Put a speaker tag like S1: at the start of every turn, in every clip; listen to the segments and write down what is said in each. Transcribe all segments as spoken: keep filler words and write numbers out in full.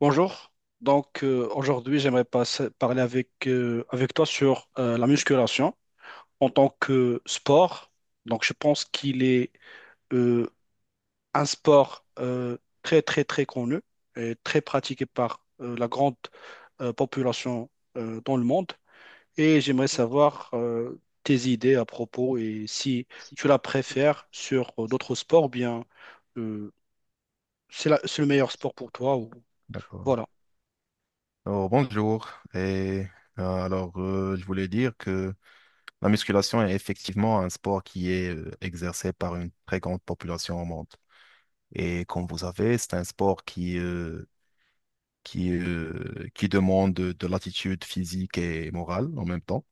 S1: Bonjour. Donc euh, aujourd'hui, j'aimerais passer- parler avec, euh, avec toi sur euh, la musculation en tant que sport. Donc je pense qu'il est euh, un sport euh, très très très connu et très pratiqué par euh, la grande euh, population euh, dans le monde. Et j'aimerais savoir euh, tes idées à propos et si tu la préfères sur euh, d'autres sports ou bien euh, c'est la- c'est le meilleur sport pour toi ou
S2: D'accord.
S1: voilà.
S2: Alors, bonjour. Et euh, alors, euh, je voulais dire que la musculation est effectivement un sport qui est euh, exercé par une très grande population au monde. Et comme vous savez, c'est un sport qui, euh, qui, euh, qui demande de, de l'attitude physique et morale en même temps.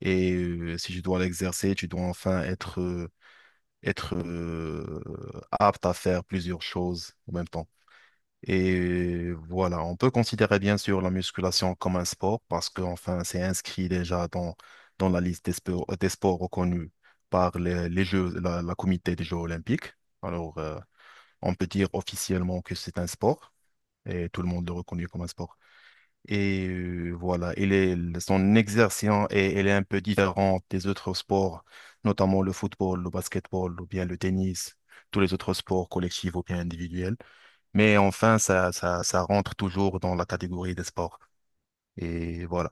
S2: Et euh, si tu dois l'exercer, tu dois enfin être, euh, être euh, apte à faire plusieurs choses en même temps. Et voilà, on peut considérer bien sûr la musculation comme un sport parce que enfin, c'est inscrit déjà dans, dans la liste des sports, des sports reconnus par les, les Jeux, la, la comité des Jeux olympiques. Alors, euh, on peut dire officiellement que c'est un sport et tout le monde le reconnaît comme un sport. Et euh, voilà, il est, son exercice est, elle est un peu différente des autres sports, notamment le football, le basketball ou bien le tennis, tous les autres sports collectifs ou bien individuels. Mais enfin, ça, ça, ça rentre toujours dans la catégorie des sports. Et voilà.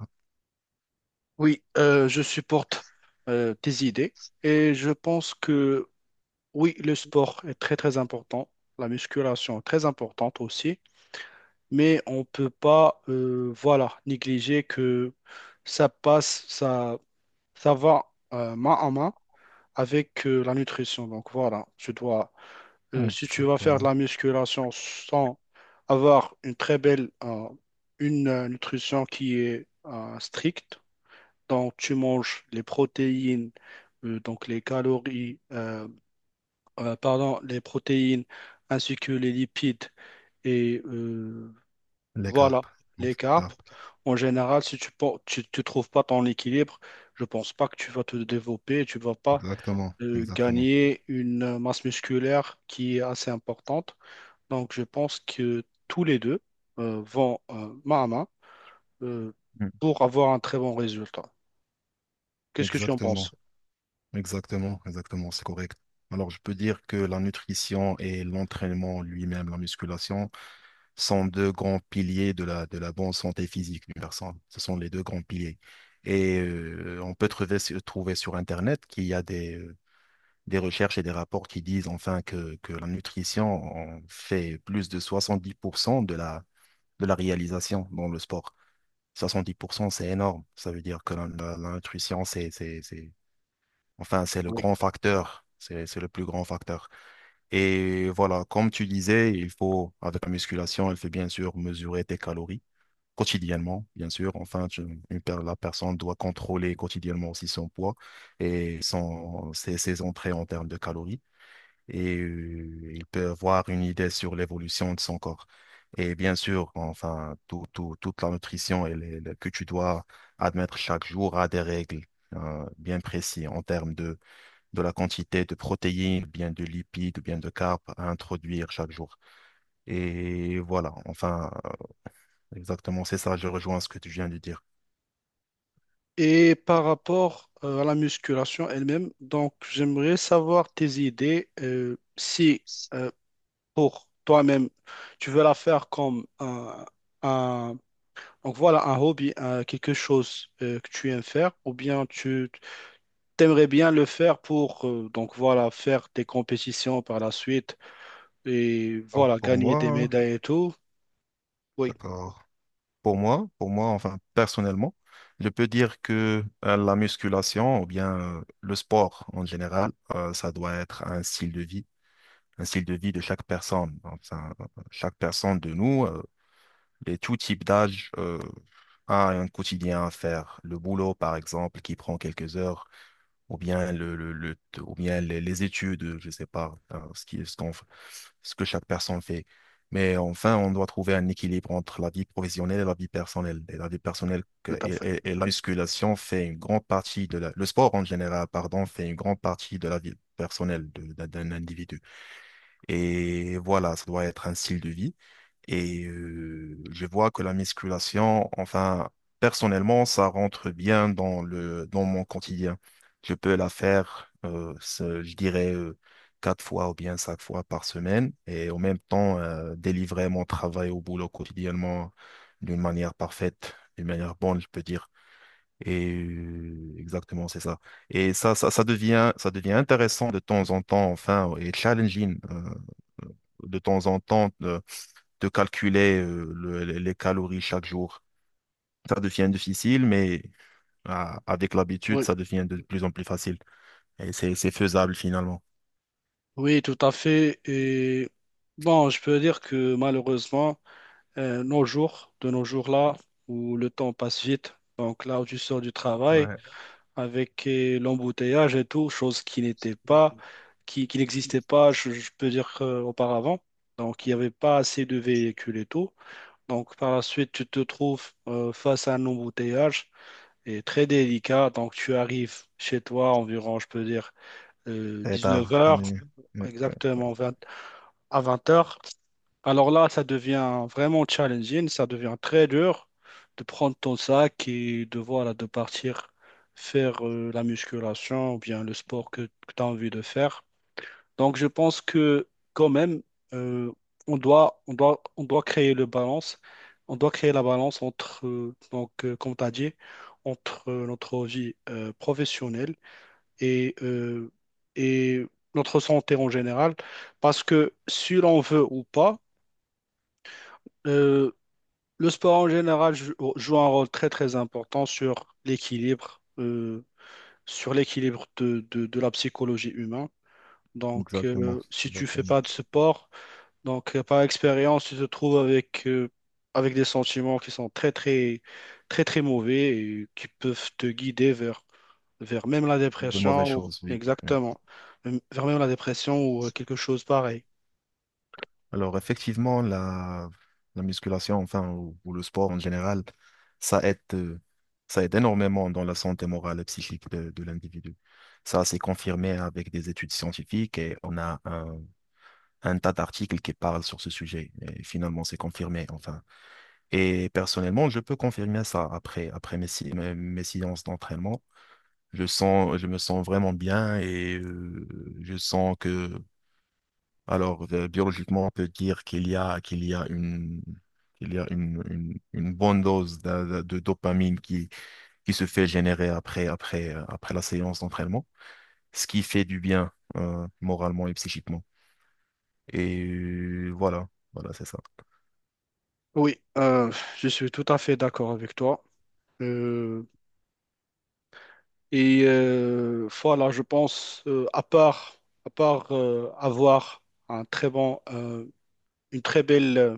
S1: Oui, euh, je supporte euh, tes idées et je pense que oui, le sport est très très important, la musculation est très importante aussi, mais on ne peut pas euh, voilà, négliger que ça passe, ça, ça va euh, main en main avec euh, la nutrition. Donc voilà, tu dois, euh,
S2: Oui.
S1: si tu vas faire de
S2: Exactement.
S1: la musculation sans avoir une très belle, euh, une euh, nutrition qui est euh, stricte, donc, tu manges les protéines, euh, donc les calories, euh, euh, pardon, les protéines ainsi que les lipides et euh,
S2: Les
S1: voilà,
S2: carpes. Donc,
S1: les carbs.
S2: carpes.
S1: En général, si tu ne tu, tu trouves pas ton équilibre, je pense pas que tu vas te développer, tu vas pas
S2: Exactement.
S1: euh,
S2: Exactement.
S1: gagner une masse musculaire qui est assez importante. Donc, je pense que tous les deux euh, vont euh, main à main euh,
S2: Mm.
S1: pour avoir un très bon résultat. Qu'est-ce que tu en
S2: Exactement.
S1: penses?
S2: Exactement. Exactement. C'est correct. Alors, je peux dire que la nutrition et l'entraînement lui-même, la musculation, sont deux grands piliers de la, de la, bonne santé physique d'une personne. Ce sont les deux grands piliers. Et euh, on peut trouver, trouver sur Internet qu'il y a des, euh, des recherches et des rapports qui disent enfin que, que, la nutrition en fait plus de soixante-dix pour cent de la, de la réalisation dans le sport. Soixante-dix pour cent c'est énorme. Ça veut dire que la, la- la nutrition, c'est, c'est, c'est, enfin, c'est le
S1: Oui.
S2: grand facteur. C'est, c'est le plus grand facteur. Et voilà, comme tu disais, il faut, avec la musculation, elle fait bien sûr mesurer tes calories quotidiennement, bien sûr. Enfin, tu- une per- la personne doit contrôler quotidiennement aussi son poids et son, ses, ses entrées en termes de calories et euh, il peut avoir une idée sur l'évolution de son corps. Et bien sûr, enfin, tout, tout- toute la nutrition elle est- elle- que tu dois admettre chaque jour a des règles euh, bien précises en termes de, de la quantité de protéines, bien de lipides, bien de carbs à introduire chaque jour. Et voilà, enfin, euh, exactement, c'est ça, je rejoins ce que tu viens de dire.
S1: Et par rapport euh, à la musculation elle-même, donc j'aimerais savoir tes idées. Euh, si euh, pour toi-même, tu veux la faire comme un, un- donc voilà, un hobby, un- quelque chose euh, que tu aimes faire, ou bien tu t'aimerais bien le faire pour euh, donc voilà, faire des compétitions par la suite et
S2: Alors,
S1: voilà,
S2: pour
S1: gagner des
S2: moi,
S1: médailles et tout. Oui.
S2: d'accord. Pour moi, pour moi, enfin personnellement, je peux dire que euh, la musculation ou bien euh, le sport en général, euh, ça doit être un style de vie, un style de vie de chaque personne. Enfin, euh, chaque personne de nous, euh, et tout type d'âge, euh, a un quotidien à faire. Le boulot, par exemple, qui prend quelques heures, ou bien le, le, le- ou bien les, les études, je sais pas, hein, ce qui, ce qu'on, f- ce que chaque personne fait. Mais enfin, on doit trouver un équilibre entre la vie professionnelle et la vie personnelle. Et la vie personnelle que-
S1: Tout à
S2: et,
S1: fait.
S2: et- et la musculation fait une grande partie de la, le sport en général, pardon, fait une grande partie de la vie personnelle de- d'un d'un individu. Et voilà, ça doit être un style de vie. Et euh, je vois que la musculation, enfin, personnellement, ça rentre bien dans le dans mon quotidien. Je peux la faire, euh, ce- je dirais, euh, quatre fois ou bien cinq fois par semaine et en même temps euh, délivrer mon travail au boulot quotidiennement d'une manière parfaite, d'une manière bonne, je peux dire. Et euh, exactement, c'est ça. Et ça, ça, ça devient, ça devient intéressant de temps en temps, enfin, et challenging. euh, de temps en temps de, de calculer euh, le- les calories chaque jour. Ça devient difficile, mais ah, avec l'habitude,
S1: Oui,
S2: ça devient de plus en plus facile. Et c'est, c'est faisable finalement.
S1: oui, tout à fait. Et bon, je peux dire que malheureusement, euh, nos jours, de nos jours là, où le temps passe vite, donc là où tu sors du travail, avec euh, l'embouteillage et tout, chose qui n'était pas, qui, qui n'existait pas, je, je peux dire, euh, auparavant. Donc, il n'y avait pas assez de véhicules et tout. Donc, par la suite, tu te trouves euh, face à un embouteillage et très délicat. Donc, tu arrives chez toi environ, je peux dire,
S2: Et
S1: dix-neuf
S2: tard.
S1: heures
S2: Euh, ouais, ouais,
S1: exactement à vingt heures. Alors là, ça devient vraiment challenging, ça devient très dur de prendre ton sac et de, voilà, de partir faire euh, la musculation ou bien le sport que, tu as envie de faire. Donc je pense que quand même, euh, on doit, on doit, on doit créer le balance, on doit créer la balance entre, euh, donc, euh, comme tu as dit, entre euh, notre vie euh, professionnelle et, euh, et notre santé en général. Parce que si l'on veut ou pas, euh, le sport en général jou- joue un rôle très très important sur l'équilibre, euh, sur l'équilibre de, de- de la psychologie humaine. Donc,
S2: exactement.
S1: euh, si tu
S2: Exactement.
S1: fais pas de sport, donc euh, par expérience, tu te trouves avec euh, avec des sentiments qui sont très très très très mauvais et qui peuvent te guider vers vers même la
S2: De mauvaises
S1: dépression ou
S2: choses, oui. Oui.
S1: exactement, même- vers même la dépression ou euh, quelque chose pareil.
S2: Alors effectivement, la, la musculation, enfin, ou, ou le sport en général, ça aide, euh, ça aide énormément dans la santé morale et psychique de, de l'individu. Ça, c'est confirmé avec des études scientifiques et on a un un tas d'articles qui parlent sur ce sujet. Et finalement, c'est confirmé, enfin. Et personnellement, je peux confirmer ça après, après mes, si- mes, mes séances d'entraînement. Je sens, je me sens vraiment bien et euh, je sens que, alors, euh, biologiquement, on peut dire qu'il y a, qu'il y a une, qu'il y a une, une, une bonne dose de, de- de dopamine qui, qui se fait générer après, après, euh, après la séance d'entraînement, ce qui fait du bien, euh, moralement et psychiquement. Et euh, voilà, voilà, c'est ça.
S1: Oui, euh, je suis tout à fait d'accord avec toi. Euh, et euh, voilà, je pense, euh, à part, à part euh, avoir un très bon, euh, une très belle, euh,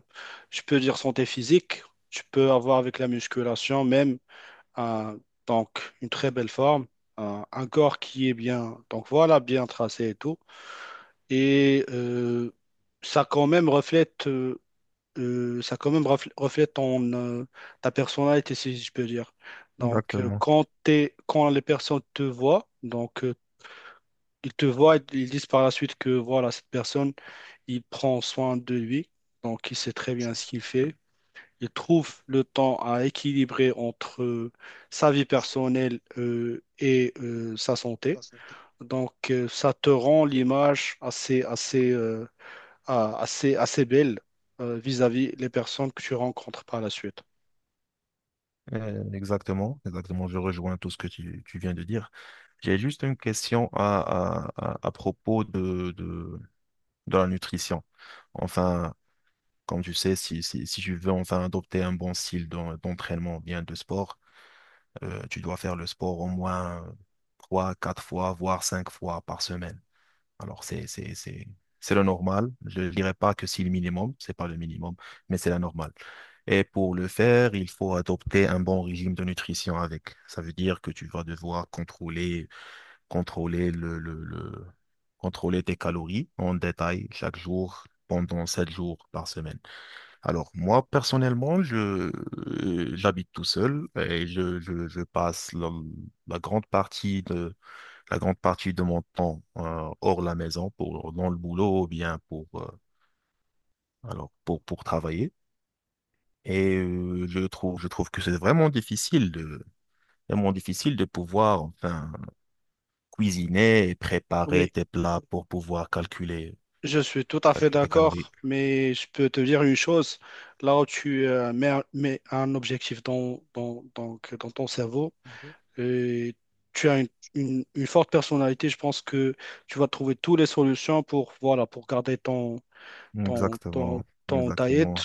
S1: je peux dire santé physique, tu peux avoir avec la musculation même un- donc une très belle forme, un un corps qui est bien, donc voilà, bien tracé et tout. Et euh, ça quand même reflète, euh, euh, ça quand même refl- reflète ton, euh, ta personnalité, si je peux dire. Donc, euh,
S2: Exactement.
S1: quand t'es- quand les personnes te voient, donc, euh, ils te voient, ils disent par la suite que voilà, cette personne, il prend soin de lui, donc il sait très bien ce qu'il fait. Il trouve le temps à équilibrer entre euh, sa vie personnelle euh, et euh, sa santé. Donc, euh, ça te rend l'image assez, assez, euh, euh, assez, assez belle euh, vis-à-vis les personnes que tu rencontres par la suite.
S2: Euh, Exactement, exactement. Je rejoins tout ce que tu, tu viens de dire. J'ai juste une question à, à, à, à propos de, de, de la nutrition. Enfin, comme tu sais, si, si, si tu veux enfin adopter un bon style d'en- d'entraînement, ou bien de sport, euh, tu dois faire le sport au moins trois, quatre fois, voire cinq fois par semaine. Alors, c'est, c'est, c'est, c'est le normal. Je ne dirais pas que c'est le minimum, c'est pas le minimum, mais c'est la normale. Et pour le faire, il faut adopter un bon régime de nutrition avec. Ça veut dire que tu vas devoir contrôler, contrôler le, le, le- contrôler tes calories en détail chaque jour pendant sept jours par semaine. Alors, moi, personnellement, je, euh, j'habite tout seul et je, je, je passe la, la grande partie de, la grande partie de mon temps euh, hors la maison, pour, dans le boulot ou bien pour, euh, alors, pour, pour travailler. Et euh, je trouve, je trouve que c'est vraiment difficile de, vraiment difficile de pouvoir enfin, cuisiner et préparer
S1: Oui,
S2: des plats pour pouvoir calculer,
S1: je suis tout à fait
S2: calculer tes calories.
S1: d'accord, mais je peux te dire une chose, là où tu euh, mets, un mets un objectif dans, dans, donc, dans ton cerveau, et tu as une, une- une forte personnalité, je pense que tu vas trouver toutes les solutions pour, voilà, pour garder ton, ton,
S2: Exactement,
S1: ton diet
S2: exactement.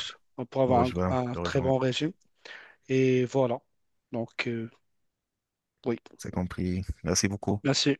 S1: pour
S2: Je
S1: avoir
S2: rejoins,
S1: un, un
S2: je
S1: très
S2: rejoins.
S1: bon régime. Et voilà. Donc, euh, oui.
S2: C'est compris. Merci beaucoup.
S1: Merci.